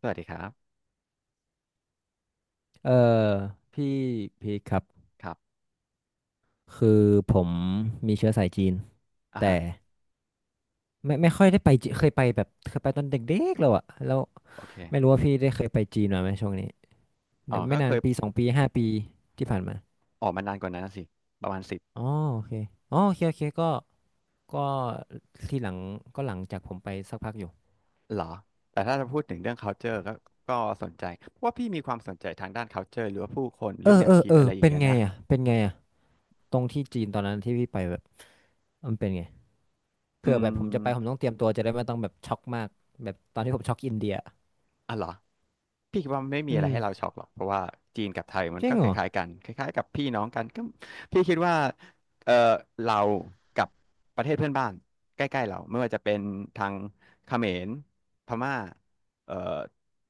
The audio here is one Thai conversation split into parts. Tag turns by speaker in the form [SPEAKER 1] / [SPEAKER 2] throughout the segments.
[SPEAKER 1] สวัสดีครับ
[SPEAKER 2] เออพี่พีคครับ
[SPEAKER 1] ครับ
[SPEAKER 2] คือผมมีเชื้อสายจีน
[SPEAKER 1] อ่า
[SPEAKER 2] แต่
[SPEAKER 1] ฮะ
[SPEAKER 2] ไม่ค่อยได้ไปจีเคยไปแบบเคยไปตอนเด็กๆแล้วอะแล้ว
[SPEAKER 1] โอเค
[SPEAKER 2] ไม่รู้ว่าพี่ได้เคยไปจีนมาไหมช่วงนี้
[SPEAKER 1] อ๋อ
[SPEAKER 2] เดี๋ยวไม่
[SPEAKER 1] ก็
[SPEAKER 2] นา
[SPEAKER 1] เค
[SPEAKER 2] น
[SPEAKER 1] ย
[SPEAKER 2] ปี2 ปี5 ปีที่ผ่านมา
[SPEAKER 1] ออกมานานกว่านั้นนะสิ ประมาณสิบ
[SPEAKER 2] อ๋อโอเคอ๋อโอเคโอเคก็ที่หลังก็หลังจากผมไปสักพักอยู่
[SPEAKER 1] เหรอ แต่ถ้าจะพูดถึงเรื่อง culture ก็ก็สนใจเพราะว่าพี่มีความสนใจทางด้าน culture หรือว่าผู้คนห
[SPEAKER 2] เอ
[SPEAKER 1] รื
[SPEAKER 2] อ
[SPEAKER 1] อแน
[SPEAKER 2] เอ
[SPEAKER 1] ว
[SPEAKER 2] อ
[SPEAKER 1] คิด
[SPEAKER 2] เออ
[SPEAKER 1] อะไรอย่าง
[SPEAKER 2] เป็น
[SPEAKER 1] เงี้ย
[SPEAKER 2] ไง
[SPEAKER 1] นะ
[SPEAKER 2] อะเป็นไงอะตรงที่จีนตอนนั้นที่พี่ไปแบบมันเป็นไงเผื่
[SPEAKER 1] อื
[SPEAKER 2] อแบบผมจะ
[SPEAKER 1] ม
[SPEAKER 2] ไปผมต้องเตรียมตัวจะได้ไม่ต้องแบบช็อกมากแบบตอนที่ผมช็อกอินเดีย
[SPEAKER 1] อ่ะเหรอพี่คิดว่าไม่มี
[SPEAKER 2] อื
[SPEAKER 1] อะไรให้เรา
[SPEAKER 2] ม
[SPEAKER 1] ช็อกหรอกเพราะว่าจีนกับไทยมั
[SPEAKER 2] จ
[SPEAKER 1] น
[SPEAKER 2] ริ
[SPEAKER 1] ก็
[SPEAKER 2] ง
[SPEAKER 1] ค
[SPEAKER 2] เหรอ
[SPEAKER 1] ล้ายๆกันคล้ายๆกับพี่น้องกันก็พี่คิดว่าเออเรากับประเทศเพื่อนบ้านใกล้ๆเราไม่ว่าจะเป็นทางเขมรพม่าเออ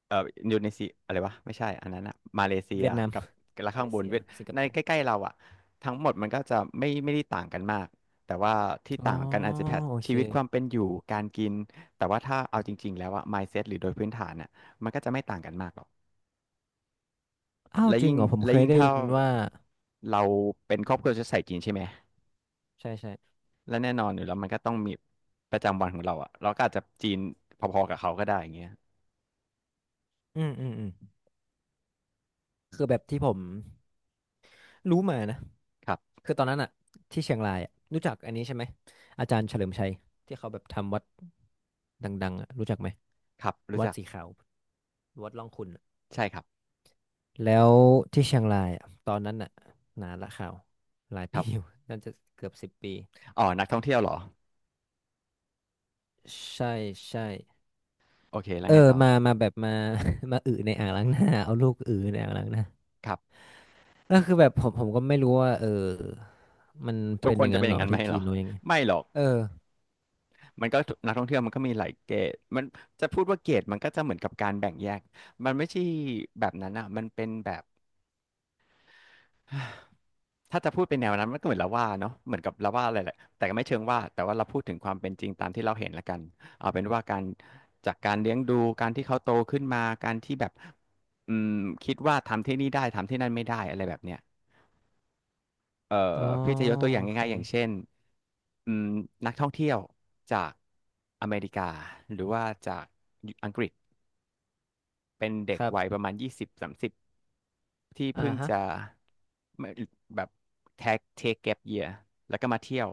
[SPEAKER 1] เอออินโดนีเซียอะไรวะไม่ใช่อันนั้นอะมาเลเซีย
[SPEAKER 2] เวียดนาม
[SPEAKER 1] กับและ
[SPEAKER 2] มา
[SPEAKER 1] ข้า
[SPEAKER 2] เล
[SPEAKER 1] งบน
[SPEAKER 2] เซีย
[SPEAKER 1] เวียด
[SPEAKER 2] สิงค
[SPEAKER 1] ใน
[SPEAKER 2] โป
[SPEAKER 1] ใก
[SPEAKER 2] ร์
[SPEAKER 1] ล้ๆเราอะทั้งหมดมันก็จะไม่ได้ต่างกันมากแต่ว่าที่
[SPEAKER 2] อ๋อ
[SPEAKER 1] ต่างกันอาจจะแพท
[SPEAKER 2] โอเค
[SPEAKER 1] ชีวิตความเป็นอยู่การกินแต่ว่าถ้าเอาจริงๆแล้วอะ mindset หรือโดยพื้นฐานอะ มันก็จะไม่ต่างกันมากหรอก
[SPEAKER 2] อ้าว
[SPEAKER 1] และ
[SPEAKER 2] จริง
[SPEAKER 1] ยิ่ง
[SPEAKER 2] เหรอผม
[SPEAKER 1] และ
[SPEAKER 2] เคย
[SPEAKER 1] ยิ่ง
[SPEAKER 2] ได้
[SPEAKER 1] ถ้า
[SPEAKER 2] ยินว่า
[SPEAKER 1] เราเป็นครอบครัวเชื้อสายจีนใช่ไหม
[SPEAKER 2] ใช่ใช่
[SPEAKER 1] และแน่นอนอยู่แล้วมันก็ต้องมีประจำวันของเราอะเราก็อาจจะจีนพอๆกับเขาก็ได้อย่างเงี้ย
[SPEAKER 2] อืมอืมอืมคือแบบที่ผมรู้มานะ
[SPEAKER 1] ครับ
[SPEAKER 2] คือตอนนั้นอะที่เชียงรายอะรู้จักอันนี้ใช่ไหมอาจารย์เฉลิมชัยที่เขาแบบทำวัดดังๆอะรู้จักไหม
[SPEAKER 1] ครับรู้
[SPEAKER 2] วัด
[SPEAKER 1] จัก
[SPEAKER 2] สีขาววัดร่องขุ่นอะ
[SPEAKER 1] ใช่ครับ
[SPEAKER 2] แล้วที่เชียงรายอะตอนนั้นอะนานละข่าวหลาย
[SPEAKER 1] ค
[SPEAKER 2] ปี
[SPEAKER 1] รั
[SPEAKER 2] อยู่
[SPEAKER 1] บ
[SPEAKER 2] น่าจะเกือบ10 ปี
[SPEAKER 1] อ๋อนักท่องเที่ยวเหรอ
[SPEAKER 2] ใช่ใช่
[SPEAKER 1] โอเคแล้
[SPEAKER 2] เอ
[SPEAKER 1] ว
[SPEAKER 2] อ
[SPEAKER 1] ไงต่อ
[SPEAKER 2] มามาแบบมา มาอึในอ่างล้างหน้าเอาลูกอึในอ่างล้างหน้า
[SPEAKER 1] ครับ
[SPEAKER 2] เออคือแบบผมก็ไม่รู้ว่ามัน
[SPEAKER 1] ทุก
[SPEAKER 2] เป็น
[SPEAKER 1] ค
[SPEAKER 2] อ
[SPEAKER 1] น
[SPEAKER 2] ย่าง
[SPEAKER 1] จะ
[SPEAKER 2] นั้
[SPEAKER 1] เป็
[SPEAKER 2] น
[SPEAKER 1] นอ
[SPEAKER 2] เหร
[SPEAKER 1] ย่าง
[SPEAKER 2] อ
[SPEAKER 1] นั้นไหม
[SPEAKER 2] ที่
[SPEAKER 1] เหร
[SPEAKER 2] จี
[SPEAKER 1] อ
[SPEAKER 2] นหรือยังไง
[SPEAKER 1] ไม่หรอก
[SPEAKER 2] เออ
[SPEAKER 1] มันก็นักท่องเที่ยวมันก็มีหลายเกรดมันจะพูดว่าเกรดมันก็จะเหมือนกับการแบ่งแยกมันไม่ใช่แบบนั้นอ่ะมันเป็นแบบ ถ้าจะพูดเป็นแนวนั้นมันก็เหมือนละว่าเนาะเหมือนกับละว่าอะไรแหละแต่ก็ไม่เชิงว่าแต่ว่าเราพูดถึงความเป็นจริงตามที่เราเห็นละกันเอาเป็นว่าการจากการเลี้ยงดูการที่เขาโตขึ้นมาการที่แบบอืมคิดว่าทำที่นี่ได้ทำที่นั่นไม่ได้อะไรแบบเนี้ยเอ่อ
[SPEAKER 2] อ๋อ
[SPEAKER 1] พี่จะยกตัวอย่า
[SPEAKER 2] โอ
[SPEAKER 1] ง
[SPEAKER 2] เค
[SPEAKER 1] ง่ายๆอย่างเช่นอืมนักท่องเที่ยวจากอเมริกาหรือว่าจากอังกฤษเป็นเด็
[SPEAKER 2] ค
[SPEAKER 1] ก
[SPEAKER 2] รั
[SPEAKER 1] วัยป
[SPEAKER 2] บ
[SPEAKER 1] ระมาณ20-30 ที่
[SPEAKER 2] อ่า
[SPEAKER 1] เพิ่ง
[SPEAKER 2] ฮะ
[SPEAKER 1] จะไม่แบบแท็กเทคแกปเยียแล้วก็มาเที่ยว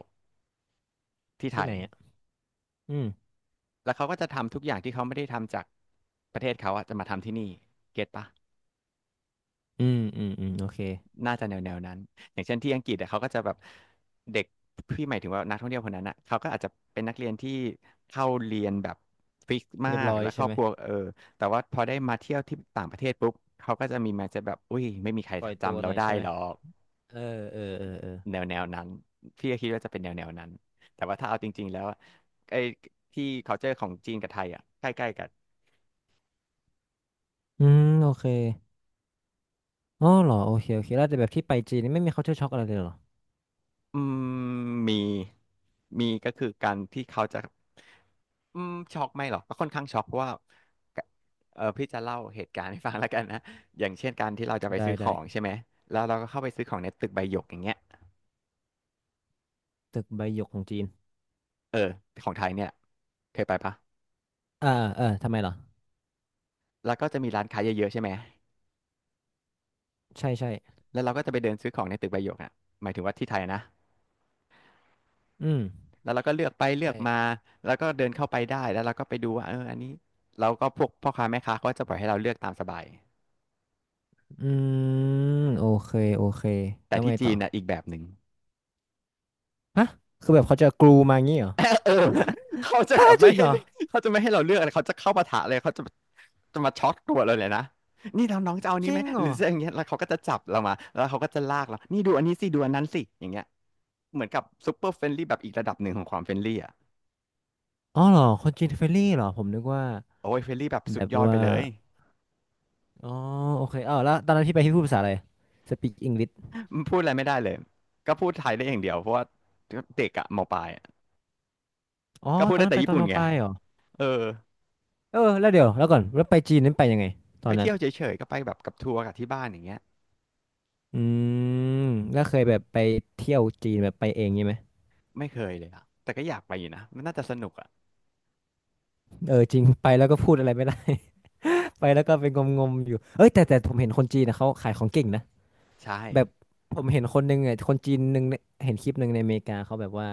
[SPEAKER 1] ที่ไท
[SPEAKER 2] ที่ไห
[SPEAKER 1] ย
[SPEAKER 2] นอ่ะอืม
[SPEAKER 1] แล้วเขาก็จะทำทุกอย่างที่เขาไม่ได้ทำจากประเทศเขาอะจะมาทำที่นี่เก็ตปะ
[SPEAKER 2] อืมอืมอืมโอเค
[SPEAKER 1] น่าจะแนวนั้นอย่างเช่นที่อังกฤษอะเขาก็จะแบบเด็กพี่หมายถึงว่านักท่องเที่ยวคนนั้นอะเขาก็อาจจะเป็นนักเรียนที่เข้าเรียนแบบฟิกมา
[SPEAKER 2] เรียบ
[SPEAKER 1] ก
[SPEAKER 2] ร้อย
[SPEAKER 1] และคร
[SPEAKER 2] ใช่
[SPEAKER 1] อบ
[SPEAKER 2] ไหม
[SPEAKER 1] ครัวเออแต่ว่าพอได้มาเที่ยวที่ต่างประเทศปุ๊บเขาก็จะมีมาจะแบบอุ้ยไม่มีใคร
[SPEAKER 2] ปล่อยตัว
[SPEAKER 1] จำ
[SPEAKER 2] ห
[SPEAKER 1] เรา
[SPEAKER 2] น่อย
[SPEAKER 1] ได้
[SPEAKER 2] ใช่ไหม
[SPEAKER 1] หรอก
[SPEAKER 2] เออเออเออเออ
[SPEAKER 1] แนวนั้นพี่ก็คิดว่าจะเป็นแนวนั้นแต่ว่าถ้าเอาจริงๆแล้วอะไอ้ที่ culture ของจีนกับไทยอ่ะใกล้ๆกัน
[SPEAKER 2] อืมโอเคอ๋อเหรอโอเคโอเคแล้วแต่แบบที่ไปจีนนี่ไม่มี culture shock อะไรเลยเหรอ
[SPEAKER 1] อืมมีมีก็คือการที่เขาจะอืมช็อกไหม่หรอกก็ค่อนข้างช็อกเพราะว่าเออพี่จะเล่าเหตุการณ์ให้ฟังแล้วกันนะอย่างเช่นการที่เราจะไป
[SPEAKER 2] ได้
[SPEAKER 1] ซื้อของ
[SPEAKER 2] ได้
[SPEAKER 1] ใช่ไหมแล้วเราก็เข้าไปซื้อของในตึกใบหยกอย่างเงี้ย
[SPEAKER 2] ตึกใบหยกของจีน
[SPEAKER 1] เออของไทยเนี่ยเคยไปปะ
[SPEAKER 2] อ่าเออทำไมเหรอ
[SPEAKER 1] แล้วก็จะมีร้านค้าเยอะๆใช่ไหม
[SPEAKER 2] ใช่ใช่
[SPEAKER 1] แล้วเราก็จะไปเดินซื้อของในตึกใบหยกอ่ะหมายถึงว่าที่ไทยนะ
[SPEAKER 2] อืม
[SPEAKER 1] แล้วเราก็เลือกไปเลือกมา
[SPEAKER 2] ใช่
[SPEAKER 1] แล้วก็เดินเข้าไปได้แล้วเราก็ไปดูว่าเอออันนี้เราก็พวกพ่อค้าแม่ค้าเขาก็จะปล่อยให้เราเลือกตามสบาย
[SPEAKER 2] อืมโอเคโอเค
[SPEAKER 1] แต่
[SPEAKER 2] แล้ว
[SPEAKER 1] ที่
[SPEAKER 2] ไง
[SPEAKER 1] จี
[SPEAKER 2] ต่อ
[SPEAKER 1] นน่ะอีกแบบหนึ่ง
[SPEAKER 2] ฮะคือแบบเขาจะกรูมางี้เหรอ
[SPEAKER 1] เออเขาจะแบบ
[SPEAKER 2] จ
[SPEAKER 1] ไม่
[SPEAKER 2] ริง
[SPEAKER 1] ให้
[SPEAKER 2] เหรอ
[SPEAKER 1] เขาจะไม่ให้เราเลือกอะไรเขาจะเข้าปะทะเลยเขาจะจะมาช็อตตัวเราเลยนะนี่เราน้องจะเอาอัน
[SPEAKER 2] จ
[SPEAKER 1] นี้
[SPEAKER 2] ริ
[SPEAKER 1] ไหม
[SPEAKER 2] งเหร
[SPEAKER 1] หรื
[SPEAKER 2] อ
[SPEAKER 1] อจะอย่างเงี้ยแล้วเขาก็จะจับเรามาแล้วเขาก็จะลากเรานี่ดูอันนี้สิดูอันนั้นสิอย่างเงี้ยเหมือนกับซุปเปอร์เฟรนลี่แบบอีกระดับหนึ่งของความเฟรนลี่อ่ะ
[SPEAKER 2] อ๋อเหรอคนจีนเฟรนลี่เหรอผมนึกว่า
[SPEAKER 1] โอ้ยเฟรนลี่แบบ
[SPEAKER 2] แบ
[SPEAKER 1] สุด
[SPEAKER 2] บ
[SPEAKER 1] ยอดไป
[SPEAKER 2] ว่า
[SPEAKER 1] เลย
[SPEAKER 2] อ๋อโอเคเออแล้วตอนนั้นพี่ไปพี่พูดภาษาอะไรสปีกอังกฤษ
[SPEAKER 1] พูดอะไรไม่ได้เลยก็พูดไทยได้อย่างเดียวเพราะว่าเด็กอะมปลายอะ
[SPEAKER 2] อ๋อ
[SPEAKER 1] ก็พูด
[SPEAKER 2] ตอน
[SPEAKER 1] ได้
[SPEAKER 2] นั้น
[SPEAKER 1] แต่
[SPEAKER 2] ไปต
[SPEAKER 1] ญี่
[SPEAKER 2] อน
[SPEAKER 1] ปุ่น
[SPEAKER 2] ม
[SPEAKER 1] ไง
[SPEAKER 2] ปลายเหรอ
[SPEAKER 1] เออ
[SPEAKER 2] เออแล้วเดี๋ยวแล้วก่อนแล้วไปจีนนั้นไปยังไงต
[SPEAKER 1] ไป
[SPEAKER 2] อนนั้
[SPEAKER 1] เที่
[SPEAKER 2] น
[SPEAKER 1] ยวเฉยๆ ก็ไปแบบกับทัวร์กับที่บ้านอย่างเงี้ย
[SPEAKER 2] อืมแล้วเคยแบบไปเที่ยวจีนแบบไปเองงี้ไหม
[SPEAKER 1] ไม่เคยเลยอ่ะแต่ก็อยากไปอยู่นะ มันน่าจะสนุกอ่ะ
[SPEAKER 2] เออจริงไปแล้วก็พูดอะไรไม่ได้ ไปแล้วก็เป็นงมๆอยู่เอ้ยแต่ผมเห็นคนจีนนะเขาขายของเก่งนะ
[SPEAKER 1] ใช่
[SPEAKER 2] แบบผมเห็นคนหนึงอ่ะคนจีนหนึ่งเนี่ยเห็นคลิปหนึ่งในอเมริกาเขาแบบว่า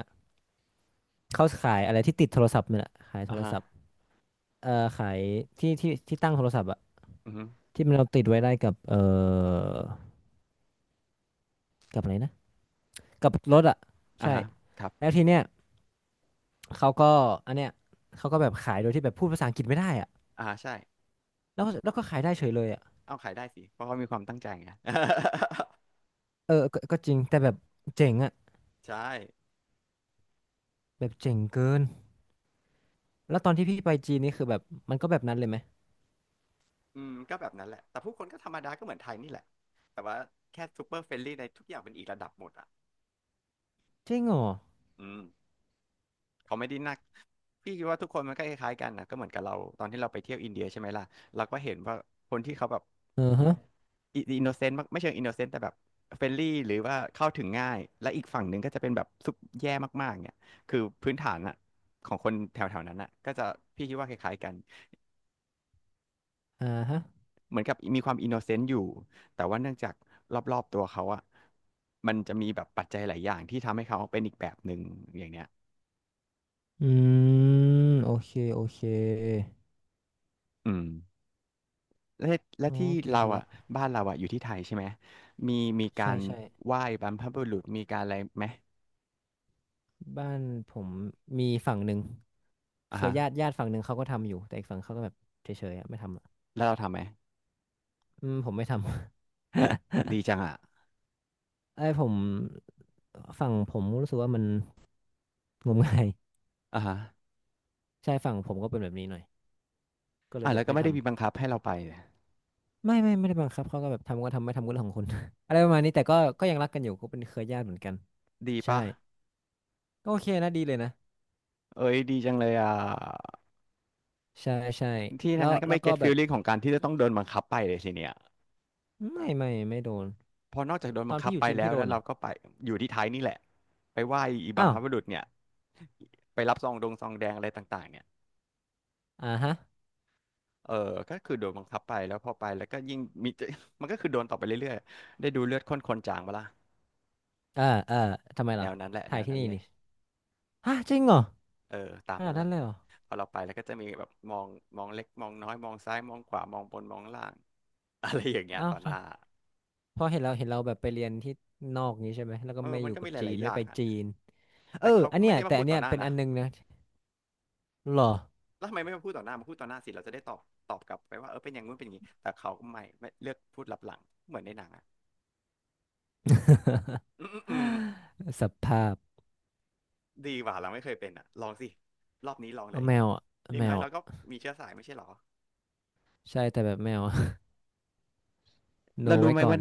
[SPEAKER 2] เขาขายอะไรที่ติดโทรศัพท์เนี่ยแหละขายโท
[SPEAKER 1] อ่า
[SPEAKER 2] ร
[SPEAKER 1] ฮะ
[SPEAKER 2] ศัพท์ เอ่อขายที่ตั้งโทรศัพท์อะ
[SPEAKER 1] อือฮึ
[SPEAKER 2] ที่มันเราติดไว้ได้กับกับอะไรนะกับรถอะ
[SPEAKER 1] อ่า
[SPEAKER 2] ใช่
[SPEAKER 1] ฮะครับ
[SPEAKER 2] แล้วทีเนี้ยเขาก็อันเนี้ยเขาก็แบบขายโดยที่แบบพูดภาษาอังกฤษไม่ได้อะ
[SPEAKER 1] อ่าใช่
[SPEAKER 2] แล้วก็ขายได้เฉยเลยอะ
[SPEAKER 1] เอาขายได้สิ เพราะเขามีความตั้งใจไง
[SPEAKER 2] เออก็จริงแต่แบบเจ๋งอะ
[SPEAKER 1] ใช่
[SPEAKER 2] แบบเจ๋งเกินแล้วตอนที่พี่ไปจีนนี่คือแบบมันก็แบบนั้นเลยไหม
[SPEAKER 1] อืมก็แบบนั้นแหละแต่ผู้คนก็ธรรมดาก็เหมือนไทยนี่แหละ แต่ว่าแค่ซูเปอร์เฟรนลี่ในทุกอย่างเป็นอีกระดับหมดอ่ะ
[SPEAKER 2] จริงเหรอ
[SPEAKER 1] อืม เขาไม่ได้นักพี่คิดว่าทุกคนมันก็คล้ายๆกันนะก็เหมือนกับเราตอนที่เราไปเที่ยวอินเดียใช่ไหมล่ะเราก็เห็นว่าคนที่เขาแบบ
[SPEAKER 2] เออฮะ
[SPEAKER 1] อินโนเซนต์ไม่เชิงอินโนเซนต์แต่แบบเฟรนลี่หรือว่าเข้าถึงง่ายและอีกฝั่งหนึ่งก็จะเป็นแบบซุบแย่มากๆเนี่ยคือพื้นฐานอะของคนแถวๆนั้นอะก็จะพี่คิดว่าคล้ายๆกัน
[SPEAKER 2] อ่าฮะ
[SPEAKER 1] เหมือนกับมีความอินโนเซนต์อยู่แต่ว่าเนื่องจากรอบๆตัวเขาอะมันจะมีแบบปัจจัยหลายอย่างที่ทำให้เขาเป็นอีกแบบหนึ่งอย่างเนี้ย
[SPEAKER 2] อืมโอเคโอเค
[SPEAKER 1] อืม และและ
[SPEAKER 2] อ๋อ
[SPEAKER 1] ที่
[SPEAKER 2] เก็
[SPEAKER 1] เรา
[SPEAKER 2] ต
[SPEAKER 1] อ่ะ
[SPEAKER 2] ละ
[SPEAKER 1] บ้านเราอ่ะอยู่ที่ไทยใช่ไหมมีมีกา
[SPEAKER 2] ใช่
[SPEAKER 1] ร
[SPEAKER 2] ใช่
[SPEAKER 1] ไหว้บรรพบุรุษมีการอะไรไหม
[SPEAKER 2] บ้านผมมีฝั่งหนึ่ง
[SPEAKER 1] อ่ะ
[SPEAKER 2] เคย
[SPEAKER 1] ฮะ
[SPEAKER 2] ญาติญาติฝั่งหนึ่งเขาก็ทำอยู่แต่อีกฝั่งเขาก็แบบเฉยๆอะไม่ทำอะ
[SPEAKER 1] แล้วเราทำไหม
[SPEAKER 2] อืมผมไม่ทำ
[SPEAKER 1] ดีจังอ่ะ
[SPEAKER 2] เอ้ยผมฝั่งผมรู้สึกว่ามันงมงาย
[SPEAKER 1] อ่ะฮะ
[SPEAKER 2] ใช่ฝั่งผมก็เป็นแบบนี้หน่อยก็เล
[SPEAKER 1] อ่ะ
[SPEAKER 2] ยแบ
[SPEAKER 1] แล้
[SPEAKER 2] บ
[SPEAKER 1] วก็
[SPEAKER 2] ไม่
[SPEAKER 1] ไม่ได้มี
[SPEAKER 2] ทำ
[SPEAKER 1] บังคับให้เราไป
[SPEAKER 2] ไม่ได้บังคับเขาก็แบบทำก็ทำไม่ทำก็เรื่องของคุณ อะไรประมาณนี้แต่ก็ยังรักกันอยู่ก็เป็นเคยญาติเหมือนกัน
[SPEAKER 1] ดี
[SPEAKER 2] ใช่
[SPEAKER 1] ปะ
[SPEAKER 2] ก็โอเคนะดีเลยนะ
[SPEAKER 1] เอ้ยดีจังเลยอ่ะ
[SPEAKER 2] ใช่ใช่
[SPEAKER 1] ที่ทา
[SPEAKER 2] แล้
[SPEAKER 1] ง
[SPEAKER 2] ว
[SPEAKER 1] นั้นก็
[SPEAKER 2] แล้
[SPEAKER 1] ไม่
[SPEAKER 2] วก็
[SPEAKER 1] เก็ต
[SPEAKER 2] แบ
[SPEAKER 1] ฟีล
[SPEAKER 2] บ
[SPEAKER 1] ลิ่งของการที่จะต้องโดนบังคับไปเลยสิเนี่ย
[SPEAKER 2] ไม่โดน
[SPEAKER 1] พอนอกจากโดน
[SPEAKER 2] ต
[SPEAKER 1] บั
[SPEAKER 2] อ
[SPEAKER 1] ง
[SPEAKER 2] น
[SPEAKER 1] คั
[SPEAKER 2] พี่
[SPEAKER 1] บ
[SPEAKER 2] อยู่
[SPEAKER 1] ไป
[SPEAKER 2] จีน
[SPEAKER 1] แล้
[SPEAKER 2] พี่
[SPEAKER 1] ว
[SPEAKER 2] โด
[SPEAKER 1] แล้ว
[SPEAKER 2] นเหร
[SPEAKER 1] เรา
[SPEAKER 2] อ
[SPEAKER 1] ก็ไปอยู่ที่ไทยนี่แหละไปไหว้อีบัม
[SPEAKER 2] อ้าว
[SPEAKER 1] พบุรุษเนี่ยไปรับซองดงซองแดงอะไรต่างๆเนี่ย
[SPEAKER 2] อ่าฮะ
[SPEAKER 1] เออก็คือโดนบังคับไปแล้วพอไปแล้วก็ยิ่งมี มันก็คือโดนต่อไปเรื่อยๆได้ดูเลือดข้นคนจางมาล่ะ
[SPEAKER 2] เออเออทำไม
[SPEAKER 1] แน
[SPEAKER 2] ล่ะ
[SPEAKER 1] วนั้นแหละแน
[SPEAKER 2] ถ่าย
[SPEAKER 1] ว
[SPEAKER 2] ที่
[SPEAKER 1] นั้น
[SPEAKER 2] นี่
[SPEAKER 1] เลย
[SPEAKER 2] นี่ ฮะจริงเหรอ
[SPEAKER 1] เออตาม
[SPEAKER 2] ขนา
[SPEAKER 1] นั้
[SPEAKER 2] ด
[SPEAKER 1] นแห
[SPEAKER 2] นั้น
[SPEAKER 1] ละ
[SPEAKER 2] เลยเหรอ
[SPEAKER 1] พอเราไปแล้วก็จะมีแบบมองมองเล็ก มองน้อยมองซ้ายมองขวามองบนมองล่าง อะไรอย่างเงี้ย
[SPEAKER 2] อ้าว
[SPEAKER 1] ต่อหน้า
[SPEAKER 2] เพราะเห็นเราเห็นเราแบบไปเรียนที่นอกนี้ใช่ไหมแล้วก็
[SPEAKER 1] เออ
[SPEAKER 2] ไม่อ
[SPEAKER 1] มัน
[SPEAKER 2] ยู่
[SPEAKER 1] ก็
[SPEAKER 2] กั
[SPEAKER 1] มี
[SPEAKER 2] บ
[SPEAKER 1] ห
[SPEAKER 2] จี
[SPEAKER 1] ลา
[SPEAKER 2] น
[SPEAKER 1] ยๆอ
[SPEAKER 2] ไม่
[SPEAKER 1] ย่า
[SPEAKER 2] ไป
[SPEAKER 1] งอะ
[SPEAKER 2] จีนเอ
[SPEAKER 1] แต่
[SPEAKER 2] อ
[SPEAKER 1] เขา
[SPEAKER 2] อั
[SPEAKER 1] ก็
[SPEAKER 2] นเนี้
[SPEAKER 1] ไม่
[SPEAKER 2] ย
[SPEAKER 1] ได้มา
[SPEAKER 2] แต่
[SPEAKER 1] พู
[SPEAKER 2] อั
[SPEAKER 1] ด
[SPEAKER 2] น
[SPEAKER 1] ต่
[SPEAKER 2] เนี้
[SPEAKER 1] อ
[SPEAKER 2] ย
[SPEAKER 1] หน้า
[SPEAKER 2] เป็น
[SPEAKER 1] นะ
[SPEAKER 2] อันนึงนะหรอ
[SPEAKER 1] แล้วทำไมไม่มาพูดต่อหน้ามาพูดต่อหน้าสิเราจะได้ตอบตอบกลับไปว่าเออเป็นอย่างงู้นเป็นอย่างงี้แต่เขาก็ไม่เลือกพูดลับหลังเหมือนในหนังอะอืม
[SPEAKER 2] สภาพ
[SPEAKER 1] ดีกว่าเราไม่เคยเป็นอ่ะลองสิรอบนี้ลองเล
[SPEAKER 2] เอา
[SPEAKER 1] ย
[SPEAKER 2] แมวอ่ะ
[SPEAKER 1] อ
[SPEAKER 2] เอา
[SPEAKER 1] ย่า
[SPEAKER 2] แม
[SPEAKER 1] งน้อ
[SPEAKER 2] ว
[SPEAKER 1] ยเรา
[SPEAKER 2] อ่ะ
[SPEAKER 1] ก็มีเชื้อสายไม่ใช่หรอ
[SPEAKER 2] ใช่แต่แบบแมว โน
[SPEAKER 1] แล้วรู้
[SPEAKER 2] ไว้
[SPEAKER 1] ไหม
[SPEAKER 2] ก่อ
[SPEAKER 1] ว่า
[SPEAKER 2] น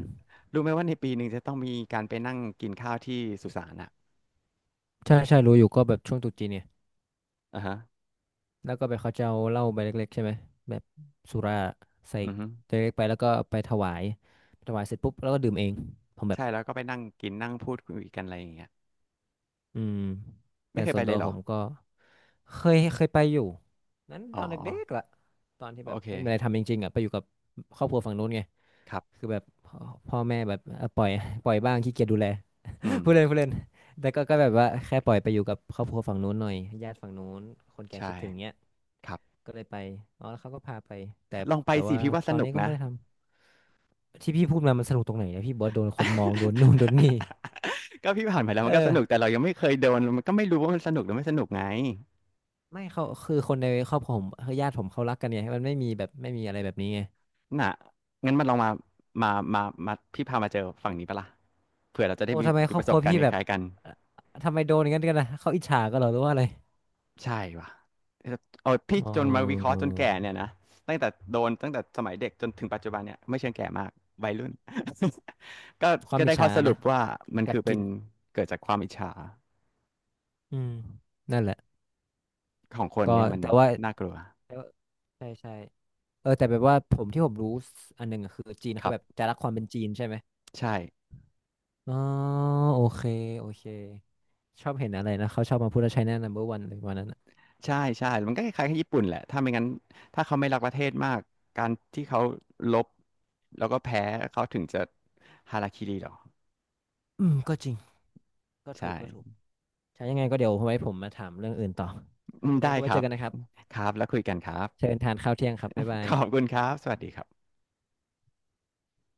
[SPEAKER 1] รู้ไหมว่าในปีหนึ่งจะต้องมีการไปนั่งกินข้าวที่สุสานอ่ะ
[SPEAKER 2] ใช่ใช่รู้อยู่ก็แบบช่วงตรุษจีนเนี่ย
[SPEAKER 1] อ่าฮะ
[SPEAKER 2] แล้วก็ไปเขาจะเอาเหล้าใบเล็กๆใช่ไหมแบบสุราใส่
[SPEAKER 1] อือฮึ
[SPEAKER 2] ใบเล็กไปแล้วก็ไปถวายถวายเสร็จปุ๊บแล้วก็ดื่มเองผมแบบ
[SPEAKER 1] ใช่แล้วก็ไปนั่งกินนั่งพูดคุยกันอะไรอย่างเงี้ย
[SPEAKER 2] อืม
[SPEAKER 1] ไม่
[SPEAKER 2] แต่
[SPEAKER 1] เคย
[SPEAKER 2] ส่
[SPEAKER 1] ไป
[SPEAKER 2] วน
[SPEAKER 1] เล
[SPEAKER 2] ตั
[SPEAKER 1] ย
[SPEAKER 2] ว
[SPEAKER 1] เหรอ
[SPEAKER 2] ผมก็ เคยเคยไปอยู่นั้น
[SPEAKER 1] อ๋
[SPEAKER 2] ต
[SPEAKER 1] อ
[SPEAKER 2] อนเด็กๆล่ะตอนที่แบ
[SPEAKER 1] โอ
[SPEAKER 2] บ
[SPEAKER 1] เค
[SPEAKER 2] ไม่มีอะไรทำจริงๆอ่ะไปอยู่กับครอบครัวฝั่งนู้นไง
[SPEAKER 1] ครับ
[SPEAKER 2] คือแบบพ่อแม่แบบเออปล่อยบ้างขี้เกียจดูแล
[SPEAKER 1] อืม
[SPEAKER 2] พูดเล่นพูดเล่นแต่ก็แบบว่าแค่ปล่อยไปอยู่กับครอบครัวฝั่งนู้นหน่อยญาติฝั่งนู้นคนแก่
[SPEAKER 1] ใช่
[SPEAKER 2] คิดถึงเนี้ย
[SPEAKER 1] ครับ
[SPEAKER 2] ก็เลยไปอ๋อแล้วเขาก็พาไปแต่
[SPEAKER 1] ลองไป
[SPEAKER 2] แต่
[SPEAKER 1] สิ
[SPEAKER 2] ว่า
[SPEAKER 1] พี่ว่าส
[SPEAKER 2] ตอน
[SPEAKER 1] นุ
[SPEAKER 2] นี้
[SPEAKER 1] ก
[SPEAKER 2] ก็
[SPEAKER 1] นะ
[SPEAKER 2] ไม่ได้ทำที่พี่พูดมามันสนุกตรงไหนเนี่ยพี่บอกว่าโดนคนมองโดนนู่นโดนนี่
[SPEAKER 1] ก็พี่ผ่านมาแล้ว
[SPEAKER 2] เอ
[SPEAKER 1] มันก็สนุก
[SPEAKER 2] อ
[SPEAKER 1] แต่เรายังไม่เคยโดนมันก็ไม่รู้ว่ามันสนุกหรือไม่สนุกไง
[SPEAKER 2] ไม่เขาคือคนในครอบครัวผมคือญาติผมเขารักกันไงมันไม่มีแบบไม่มีอะไรแบบนี้ไง
[SPEAKER 1] น่ะงั้นมันลองมามามาพี่พามาเจอฝั่งนี้ปะล่ะเผื่อเราจะได้
[SPEAKER 2] โอ้
[SPEAKER 1] มี
[SPEAKER 2] ทำไม
[SPEAKER 1] มี
[SPEAKER 2] คร
[SPEAKER 1] ป
[SPEAKER 2] อบ
[SPEAKER 1] ระส
[SPEAKER 2] ครั
[SPEAKER 1] บ
[SPEAKER 2] ว
[SPEAKER 1] การ
[SPEAKER 2] พี่
[SPEAKER 1] ณ์ค
[SPEAKER 2] แบบ
[SPEAKER 1] ล้ายๆกัน
[SPEAKER 2] เอ่อทำไมโดนอย่างนั้นกันนะเขาอิจฉากันเหรอหรือว่าอะไร
[SPEAKER 1] ใช่ว่ะเอาพี่
[SPEAKER 2] อ๋อ
[SPEAKER 1] จนมาวิเคราะห์จนแก่เนี่ยนะตั้งแต่โดนตั้งแต่สมัยเด็กจนถึงปัจจุบันเนี่ยไม่เชิงแก่มากวัยรุ่น ก็
[SPEAKER 2] ความ
[SPEAKER 1] ก็
[SPEAKER 2] อิ
[SPEAKER 1] ได้
[SPEAKER 2] จ
[SPEAKER 1] ข้อ
[SPEAKER 2] ฉา
[SPEAKER 1] สรุ
[SPEAKER 2] นะ
[SPEAKER 1] ปว่ามัน
[SPEAKER 2] กั
[SPEAKER 1] คื
[SPEAKER 2] ด
[SPEAKER 1] อเป็
[SPEAKER 2] กิ
[SPEAKER 1] น
[SPEAKER 2] น
[SPEAKER 1] เกิดจากความอิจฉา
[SPEAKER 2] อืมนั่นแหละ
[SPEAKER 1] ของคน
[SPEAKER 2] ก็
[SPEAKER 1] เนี่ยมัน
[SPEAKER 2] แต่ว่า
[SPEAKER 1] น่ากลัว
[SPEAKER 2] แต่ว่าใช่ใช่เออแต่แบบว่าผมที่ผมรู้อันหนึ่งอะคือจีน
[SPEAKER 1] ค
[SPEAKER 2] เขา
[SPEAKER 1] รั
[SPEAKER 2] แบบ
[SPEAKER 1] บ
[SPEAKER 2] จะรักความเป็นจีนใช่ไหม
[SPEAKER 1] ใช่
[SPEAKER 2] อ๋อโอเคโอเคชอบเห็นอะไรนะเขาชอบมาพูดว่าไชน่านมเ m b e r วันเลยวันนั้นอะ
[SPEAKER 1] ใช่ มันก็คล้ายๆกับญี่ปุ่นแหละ ถ้าไม่งั้นถ้าเขาไม่รักประเทศมาก การที่เขาลบแล้วก็แพ้เขาถึงจะฮาราคิริหรอ
[SPEAKER 2] อืมก็จริงก็
[SPEAKER 1] ใช
[SPEAKER 2] ถูกก็ถูก
[SPEAKER 1] ่
[SPEAKER 2] ใช่ยังไงก็เดี๋ยวไว้ผมมาถามเรื่องอื่นต่อ
[SPEAKER 1] อืม
[SPEAKER 2] ยังไง
[SPEAKER 1] ได้
[SPEAKER 2] ก็
[SPEAKER 1] ค
[SPEAKER 2] ไว้
[SPEAKER 1] รั
[SPEAKER 2] เจอ
[SPEAKER 1] บ
[SPEAKER 2] กันนะครับ
[SPEAKER 1] ครับ แล้วคุยกันครับ
[SPEAKER 2] เชิญทานข้าวเที่ยงครับบ๊ายบา
[SPEAKER 1] ข
[SPEAKER 2] ย
[SPEAKER 1] อบคุณครับ สวัสดีครับ